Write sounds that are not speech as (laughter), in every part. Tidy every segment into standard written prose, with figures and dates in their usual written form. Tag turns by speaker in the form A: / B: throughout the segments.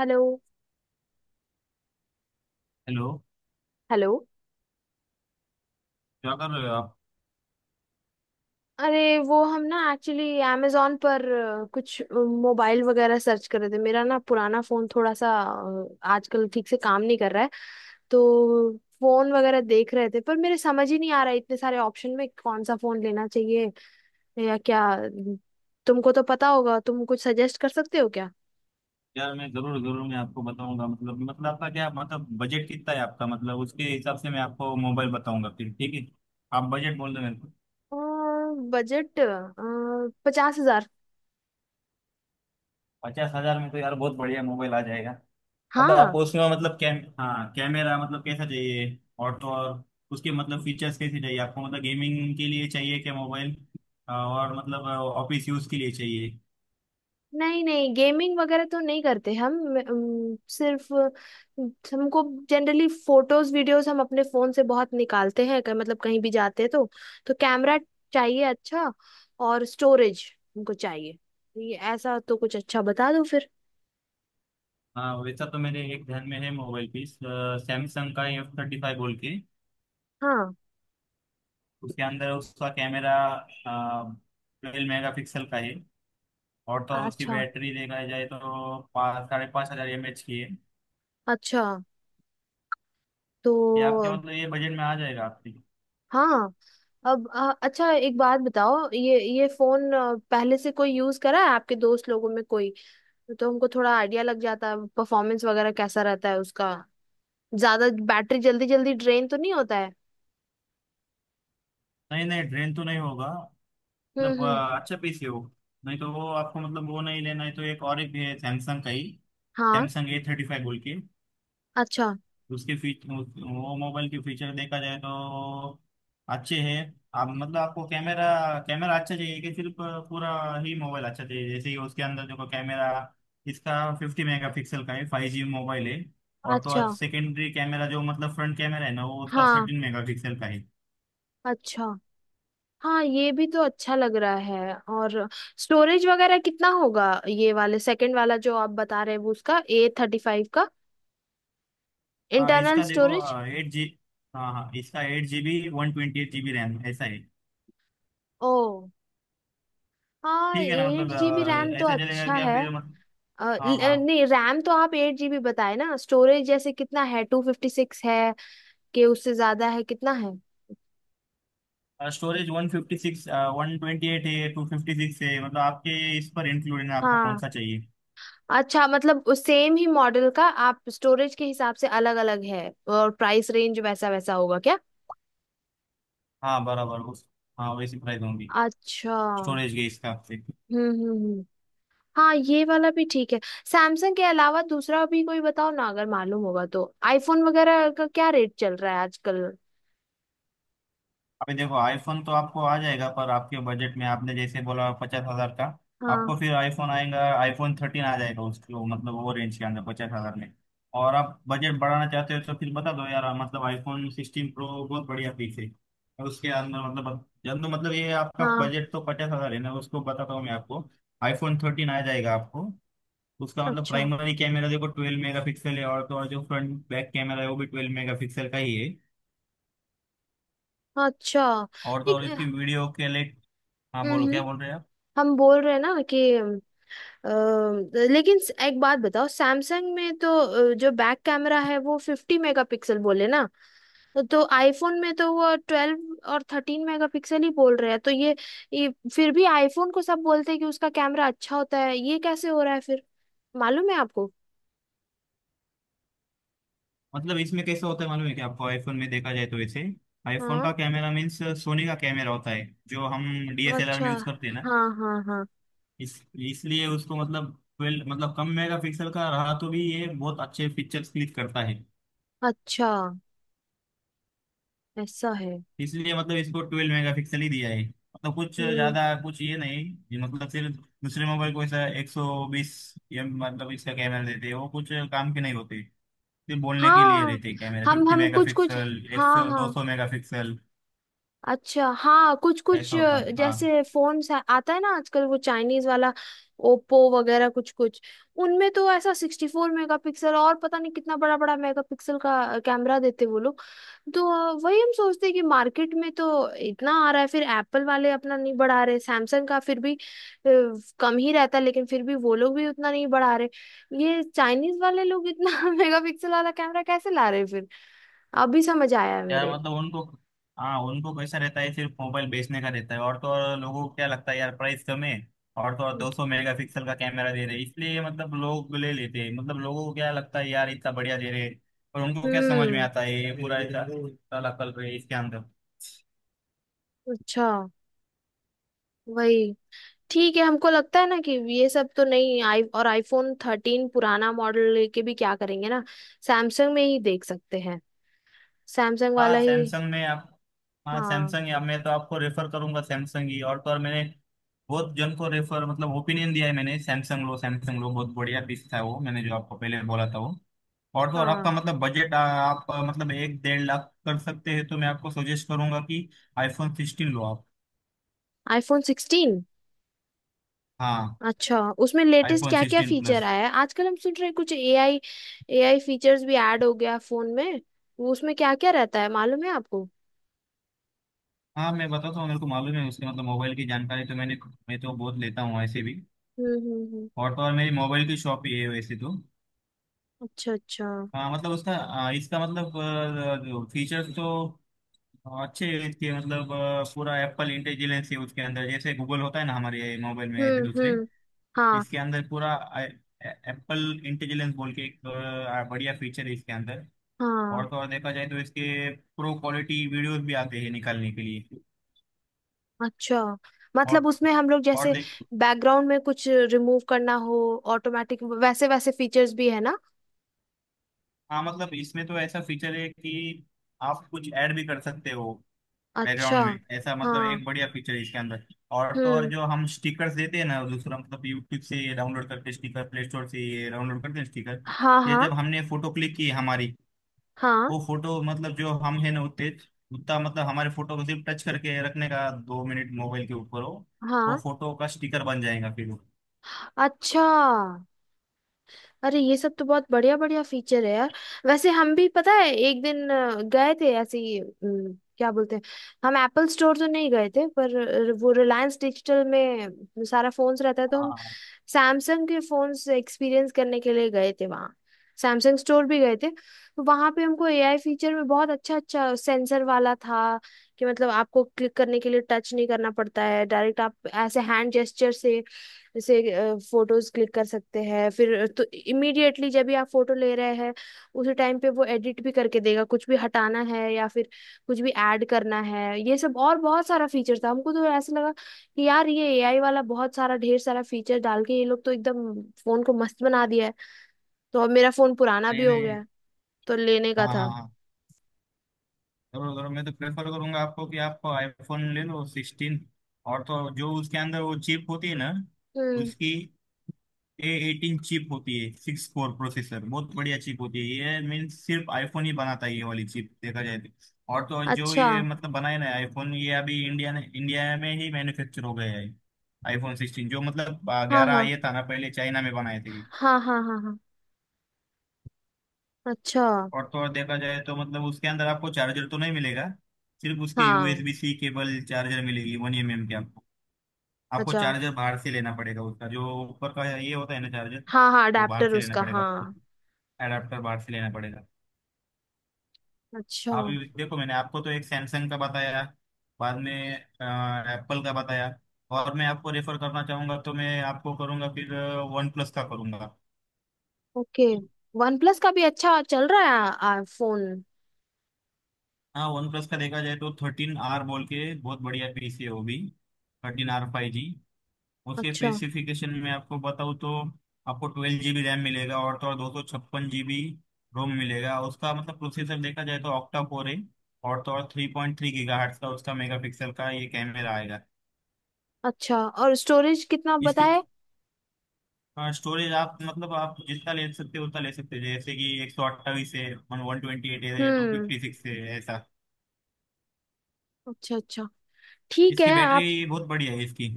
A: Hello
B: hello.
A: Hello.
B: क्या कर रहे हो आप?
A: अरे वो हम ना एक्चुअली amazon पर कुछ मोबाइल वगैरह सर्च कर रहे थे। मेरा ना पुराना फोन थोड़ा सा आजकल ठीक से काम नहीं कर रहा है। तो फोन वगैरह देख रहे थे पर मेरे समझ ही नहीं आ रहा है इतने सारे ऑप्शन में कौन सा फोन लेना चाहिए या क्या। तुमको तो पता होगा, तुम कुछ सजेस्ट कर सकते हो क्या?
B: यार मैं जरूर जरूर मैं आपको बताऊंगा। मतलब आपका क्या मतलब, बजट कितना है आपका? मतलब उसके हिसाब से मैं आपको मोबाइल बताऊंगा फिर, ठीक है? आप बजट बोल दो मेरे को।
A: बजट 50,000।
B: 50,000 में तो यार बहुत बढ़िया मोबाइल आ जाएगा। मतलब
A: हाँ।
B: आपको उसमें मतलब कैम, हाँ, कैमरा मतलब कैसा चाहिए? और तो और उसके मतलब फीचर्स कैसे चाहिए आपको? मतलब गेमिंग के लिए चाहिए क्या मोबाइल, और मतलब ऑफिस यूज के लिए चाहिए?
A: नहीं नहीं गेमिंग वगैरह तो नहीं करते हम। सिर्फ हमको जनरली फोटोज वीडियोस हम अपने फोन से बहुत निकालते हैं, मतलब कहीं भी जाते हैं। तो कैमरा चाहिए अच्छा, और स्टोरेज हमको चाहिए। ये ऐसा तो कुछ अच्छा बता दो फिर।
B: हाँ, वैसा तो मेरे एक ध्यान में है मोबाइल पीस, सैमसंग का एफ थर्टी फाइव बोल के।
A: हाँ,
B: उसके अंदर उसका कैमरा ट्वेल्व मेगा पिक्सल का है। और तो और उसकी
A: अच्छा
B: बैटरी देखा जाए तो पाँच साढ़े पाँच हज़ार एम एच की है।
A: अच्छा,
B: ये आपके
A: तो
B: मतलब ये बजट में आ जाएगा आपकी।
A: हाँ। अब अच्छा एक बात बताओ, ये फोन पहले से कोई यूज करा है आपके दोस्त लोगों में कोई? तो हमको थोड़ा आइडिया लग जाता है परफॉर्मेंस वगैरह कैसा रहता है उसका, ज्यादा बैटरी जल्दी जल्दी ड्रेन तो नहीं होता है।
B: नहीं नहीं, ड्रेन तो नहीं होगा। मतलब
A: हम्म।
B: अच्छा पीस है वो। नहीं तो वो आपको मतलब वो नहीं लेना है तो एक और एक भी है सैमसंग का ही,
A: हाँ,
B: सैमसंग ए थर्टी फाइव बोल के।
A: अच्छा
B: उसके फीच वो मोबाइल के फीचर देखा जाए तो अच्छे हैं। आप मतलब आपको कैमरा, कैमरा अच्छा चाहिए कि सिर्फ पूरा ही मोबाइल अच्छा चाहिए? जैसे ही उसके अंदर जो कैमरा, इसका फिफ्टी मेगापिक्सल का है, फाइव जी मोबाइल है। और तो
A: अच्छा।
B: और सेकेंडरी कैमरा जो मतलब फ्रंट कैमरा है ना, वो उसका
A: हाँ,
B: थर्टीन मेगापिक्सल का है।
A: अच्छा। हाँ, ये भी तो अच्छा लग रहा है। और स्टोरेज वगैरह कितना होगा, ये वाले सेकंड वाला जो आप बता रहे हैं वो उसका A35 का
B: हाँ
A: इंटरनल
B: इसका देखो
A: स्टोरेज?
B: एट जी, हाँ हाँ, इसका eight G B, one twenty eight G B RAM ऐसा है।
A: ओ हाँ,
B: ठीक है ना?
A: एट
B: मतलब
A: जीबी रैम तो
B: ऐसा चलेगा
A: अच्छा
B: क्या
A: है।
B: फिर, मतलब? हाँ हाँ।
A: नहीं रैम तो आप 8 GB बताए ना, स्टोरेज जैसे कितना है, 256 है कि उससे ज्यादा है, कितना है?
B: Storage one fifty six, one twenty eight है, टू फिफ्टी सिक्स है, मतलब आपके इस पर इंक्लूडेड है, आपको कौन
A: हाँ
B: सा चाहिए?
A: अच्छा, मतलब सेम ही मॉडल का आप स्टोरेज के हिसाब से अलग अलग है और प्राइस रेंज वैसा वैसा होगा क्या?
B: हाँ बराबर, उस, हाँ वैसी प्राइस होंगी
A: अच्छा हम्म।
B: स्टोरेज के हिसाब से।
A: हम्म हम्म। हाँ, ये वाला भी ठीक है। सैमसंग के अलावा दूसरा भी कोई बताओ ना, अगर मालूम होगा तो आईफोन वगैरह का क्या रेट चल रहा है आजकल?
B: अभी देखो आईफोन तो आपको आ जाएगा, पर आपके बजट में आपने जैसे बोला 50,000 का,
A: हाँ
B: आपको फिर आईफोन आएगा, आईफोन थर्टीन आ जाएगा उसको, मतलब वो रेंज के अंदर 50,000 में। और आप बजट बढ़ाना चाहते हो तो फिर बता दो यार, मतलब आईफोन सिक्सटीन प्रो बहुत बढ़िया पीस है। और उसके अंदर मतलब, जब मतलब ये आपका
A: हाँ।
B: बजट तो 50,000 है ना, उसको बताता हूँ मैं आपको, आईफोन थर्टीन आ जाएगा आपको। उसका मतलब
A: अच्छा
B: प्राइमरी कैमरा देखो ट्वेल्व मेगा पिक्सल है, और तो और जो फ्रंट बैक कैमरा है वो भी ट्वेल्व मेगा पिक्सल का ही है।
A: अच्छा।
B: और तो
A: एक।
B: और इसकी वीडियो के लिए, हाँ
A: हम्म
B: बोलो, क्या
A: हम्म,
B: बोल रहे हैं आप?
A: हम बोल रहे हैं ना कि अ, लेकिन एक बात बताओ, सैमसंग में तो जो बैक कैमरा है वो 50 मेगापिक्सल बोले ना, तो आईफोन में तो वो 12 और 13 मेगापिक्सल ही बोल रहे हैं। तो ये फिर भी आईफोन को सब बोलते हैं कि उसका कैमरा अच्छा होता है, ये कैसे हो रहा है फिर? मालूम है आपको?
B: मतलब इसमें कैसे होता है मालूम है कि आपको, आईफोन में देखा जाए तो वैसे आईफोन
A: हाँ,
B: का कैमरा मीन्स सोनी का कैमरा होता है, जो हम डीएसएलआर
A: अच्छा।
B: में यूज करते हैं ना।
A: हाँ हाँ हाँ।
B: इस इसलिए उसको मतलब ट्वेल्व, मतलब कम मेगापिक्सल का रहा तो भी ये बहुत अच्छे पिक्चर्स क्लिक करता है।
A: अच्छा, ऐसा है।
B: इसलिए मतलब इसको ट्वेल्व मेगापिक्सल ही दिया है, मतलब कुछ
A: हम्म।
B: ज्यादा कुछ ये नहीं। ये मतलब सिर्फ दूसरे मोबाइल को ऐसा 120 एम मतलब इसका कैमरा देते हैं, वो कुछ काम के नहीं होते, सिर्फ बोलने के लिए
A: हाँ,
B: रहते हैं कैमरा
A: हम
B: फिफ्टी
A: हम कुछ कुछ।
B: मेगापिक्सल, एक
A: हाँ
B: सौ दो
A: हाँ।
B: सौ मेगापिक्सल
A: अच्छा हाँ, कुछ कुछ
B: ऐसा होता है। हाँ,
A: जैसे फोन्स आता है ना आजकल, वो चाइनीज वाला ओप्पो वगैरह कुछ कुछ। उनमें तो ऐसा 64 मेगा पिक्सल और पता नहीं कितना बड़ा बड़ा मेगा पिक्सल का कैमरा देते वो लोग। तो वही हम सोचते हैं कि मार्केट में तो इतना आ रहा है, फिर एप्पल वाले अपना नहीं बढ़ा रहे, सैमसंग का फिर भी कम ही रहता है, लेकिन फिर भी वो लोग भी उतना नहीं बढ़ा रहे, ये चाइनीज वाले लोग इतना (laughs) मेगा पिक्सल वाला कैमरा कैसे ला रहे हैं फिर? अभी समझ आया है
B: यार
A: मेरे।
B: मतलब उनको, हाँ उनको कैसा रहता है, सिर्फ मोबाइल बेचने का रहता है। और तो और लोगों को क्या लगता है यार, प्राइस कम है और तो और 200 मेगापिक्सल का कैमरा दे रहे हैं, इसलिए मतलब लोग ले लेते हैं। मतलब लोगों को क्या लगता है यार, इतना बढ़िया दे रहे हैं, और उनको क्या समझ में
A: हम्म,
B: आता है, ये पूरा इतना इतना नकल रहे इसके अंदर।
A: अच्छा वही। ठीक है, हमको लगता है ना कि ये सब तो नहीं आई, और आईफोन 13 पुराना मॉडल लेके भी क्या करेंगे ना। सैमसंग में ही देख सकते हैं, सैमसंग
B: हाँ
A: वाला ही।
B: सैमसंग में आप, हाँ
A: हाँ
B: सैमसंग, या मैं तो आपको रेफर करूंगा सैमसंग ही। और तो और मैंने बहुत जन को रेफर मतलब ओपिनियन दिया है मैंने, सैमसंग लो सैमसंग लो, बहुत बढ़िया पीस था वो मैंने जो आपको पहले बोला था वो। और तो और आपका
A: हाँ।
B: मतलब बजट आप मतलब एक डेढ़ लाख कर सकते हैं तो मैं आपको सजेस्ट करूंगा कि आईफोन सिक्सटीन लो आप।
A: आईफोन 16?
B: हाँ,
A: अच्छा, उसमें लेटेस्ट
B: आईफोन
A: क्या क्या
B: सिक्सटीन
A: फीचर
B: प्लस।
A: आया है आजकल, हम सुन रहे हैं कुछ एआई। एआई फीचर्स भी ऐड हो गया फोन में, वो उसमें क्या क्या रहता है मालूम है आपको?
B: हाँ मैं बताता हूँ मेरे को मालूम है उसके, मतलब मोबाइल की जानकारी तो मैंने, मैं तो बहुत लेता हूँ ऐसे भी।
A: हम्म।
B: और तो और मेरी मोबाइल की शॉप ही है वैसे तो।
A: अच्छा अच्छा।
B: हाँ मतलब उसका इसका मतलब फीचर्स तो हाँ, अच्छे, इसके मतलब पूरा एप्पल इंटेलिजेंस है उसके अंदर, जैसे गूगल होता है ना हमारे मोबाइल में ऐसे दूसरे।
A: हम्म। हाँ
B: इसके अंदर पूरा एप्पल इंटेलिजेंस बोल के एक बढ़िया फीचर है इसके अंदर।
A: हाँ।
B: और तो और देखा जाए तो इसके प्रो क्वालिटी वीडियोस भी आते हैं निकालने के लिए।
A: अच्छा, मतलब
B: और
A: उसमें हम लोग
B: और
A: जैसे
B: देख,
A: बैकग्राउंड में कुछ रिमूव करना हो ऑटोमेटिक, वैसे वैसे फीचर्स भी है ना?
B: हाँ मतलब इसमें तो ऐसा फीचर है कि आप कुछ ऐड भी कर सकते हो
A: अच्छा।
B: बैकग्राउंड में, ऐसा मतलब
A: हाँ।
B: एक बढ़िया फीचर है इसके अंदर। और तो और
A: हम्म।
B: जो हम स्टिकर्स देते हैं ना दूसरा, मतलब यूट्यूब से ये डाउनलोड करके स्टिकर, प्ले स्टोर से ये डाउनलोड करते हैं स्टिकर,
A: हाँ
B: ये
A: हाँ
B: जब हमने फोटो क्लिक की हमारी,
A: हाँ
B: वो फोटो मतलब जो हम है ना उतने, उतना मतलब हमारे फोटो को सिर्फ टच करके रखने का 2 मिनट मोबाइल के ऊपर हो, वो
A: हाँ।
B: फोटो का स्टिकर बन जाएगा फिर वो।
A: अच्छा। अरे, ये सब तो बहुत बढ़िया बढ़िया फीचर है यार। वैसे हम भी, पता है, एक दिन गए थे ऐसे ही, क्या बोलते हैं, हम एप्पल स्टोर तो नहीं गए थे पर वो रिलायंस डिजिटल में सारा फोन्स रहता है, तो हम
B: हाँ।
A: सैमसंग के फोन्स एक्सपीरियंस करने के लिए गए थे वहाँ, सैमसंग स्टोर भी गए थे। तो वहाँ पे हमको एआई फीचर में बहुत अच्छा अच्छा सेंसर वाला था कि मतलब आपको क्लिक करने के लिए टच नहीं करना पड़ता है, डायरेक्ट आप ऐसे हैंड जेस्चर से जैसे फोटोज क्लिक कर सकते हैं। फिर तो इमीडिएटली जब भी आप फोटो ले रहे हैं उसी टाइम पे वो एडिट भी करके देगा, कुछ भी हटाना है या फिर कुछ भी ऐड करना है, ये सब। और बहुत सारा फीचर था, हमको तो ऐसा लगा कि यार ये एआई वाला बहुत सारा ढेर सारा फीचर डाल के ये लोग तो एकदम फोन को मस्त बना दिया है। तो अब मेरा फोन पुराना
B: नहीं
A: भी हो गया
B: नहीं,
A: है, तो लेने का
B: हाँ
A: था।
B: हाँ हाँ, जरूर जरूर मैं तो प्रेफर करूंगा आपको कि आप आईफोन ले लो सिक्सटीन। और तो जो उसके अंदर वो चिप होती है ना
A: हम्म,
B: उसकी, ए एटीन चिप होती है, सिक्स कोर प्रोसेसर, बहुत बढ़िया चिप होती है। ये मीन्स सिर्फ आईफोन ही बनाता है ये वाली चिप देखा जाए तो। और तो और जो
A: अच्छा।
B: ये मतलब बनाए ना आईफोन, ये अभी इंडिया ने इंडिया में ही मैन्युफैक्चर हो गया है, आईफोन सिक्सटीन जो, मतलब
A: हाँ
B: 11
A: हाँ
B: ये था ना पहले चाइना में बनाए थे ये।
A: हाँ हाँ हाँ हाँ। अच्छा।
B: और तो और देखा जाए तो मतलब उसके अंदर आपको चार्जर तो नहीं मिलेगा, सिर्फ उसके
A: हाँ।
B: यूएसबी सी केबल चार्जर मिलेगी वन एम एम के आपको। आपको
A: अच्छा।
B: चार्जर बाहर से लेना पड़ेगा, उसका जो ऊपर का ये होता है ना चार्जर,
A: हाँ हाँ,
B: वो बाहर
A: अडेप्टर
B: से लेना
A: उसका,
B: पड़ेगा आपको,
A: हाँ।
B: एडाप्टर बाहर से लेना पड़ेगा।
A: अच्छा।
B: अभी देखो मैंने आपको तो एक सैमसंग का बताया, बाद में एप्पल का बताया, और मैं आपको रेफर करना चाहूंगा तो मैं आपको करूंगा फिर वन प्लस का करूंगा।
A: ओके। वन प्लस का भी अच्छा चल रहा है आ, आ, फोन?
B: हाँ वन प्लस का देखा जाए तो थर्टीन आर बोल के बहुत बढ़िया पीसी है वो भी, थर्टीन आर फाइव जी। उसके
A: अच्छा,
B: स्पेसिफिकेशन में आपको बताऊँ तो आपको ट्वेल्व जीबी रैम मिलेगा, और तो और 256 जीबी रोम मिलेगा, उसका मतलब प्रोसेसर देखा जाए तो ऑक्टा कोर है, और तो और थ्री पॉइंट थ्री गीगा का उसका मेगापिक्सल का ये कैमरा आएगा।
A: अच्छा और स्टोरेज कितना
B: इसकी
A: बताए?
B: हाँ स्टोरेज आप मतलब आप जितना ले सकते हो उतना ले सकते हो, जैसे कि 128 है, वन ट्वेंटी एट है, टू
A: हम्म।
B: फिफ्टी सिक्स है ऐसा।
A: अच्छा अच्छा। ठीक
B: इसकी
A: है आप।
B: बैटरी बहुत बढ़िया है इसकी,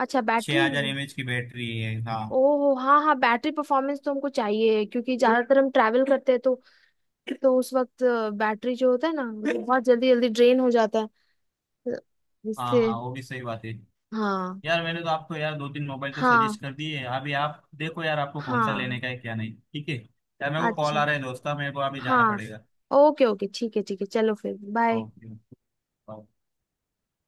A: अच्छा
B: छः
A: बैटरी।
B: हजार एम एच की बैटरी है हाँ।
A: ओह हाँ हाँ, बैटरी परफॉर्मेंस तो हमको चाहिए, क्योंकि ज्यादातर हम ट्रैवल करते हैं, तो उस वक्त बैटरी जो होता है ना वो (laughs) बहुत जल्दी जल्दी ड्रेन हो जाता है,
B: हाँ
A: जिससे।
B: हाँ वो भी सही बात है।
A: हाँ।
B: यार मैंने तो आपको यार दो तीन मोबाइल तो
A: हाँ
B: सजेस्ट कर दिए हैं, अभी आप देखो यार आपको कौन सा
A: हाँ।
B: लेने का है क्या नहीं, ठीक है यार, मेरे को कॉल
A: अच्छा
B: आ रहा है दोस्ता, मेरे को अभी जाना
A: हाँ।
B: पड़ेगा।
A: ओके ओके, ठीक है ठीक है, चलो फिर बाय।
B: ओके।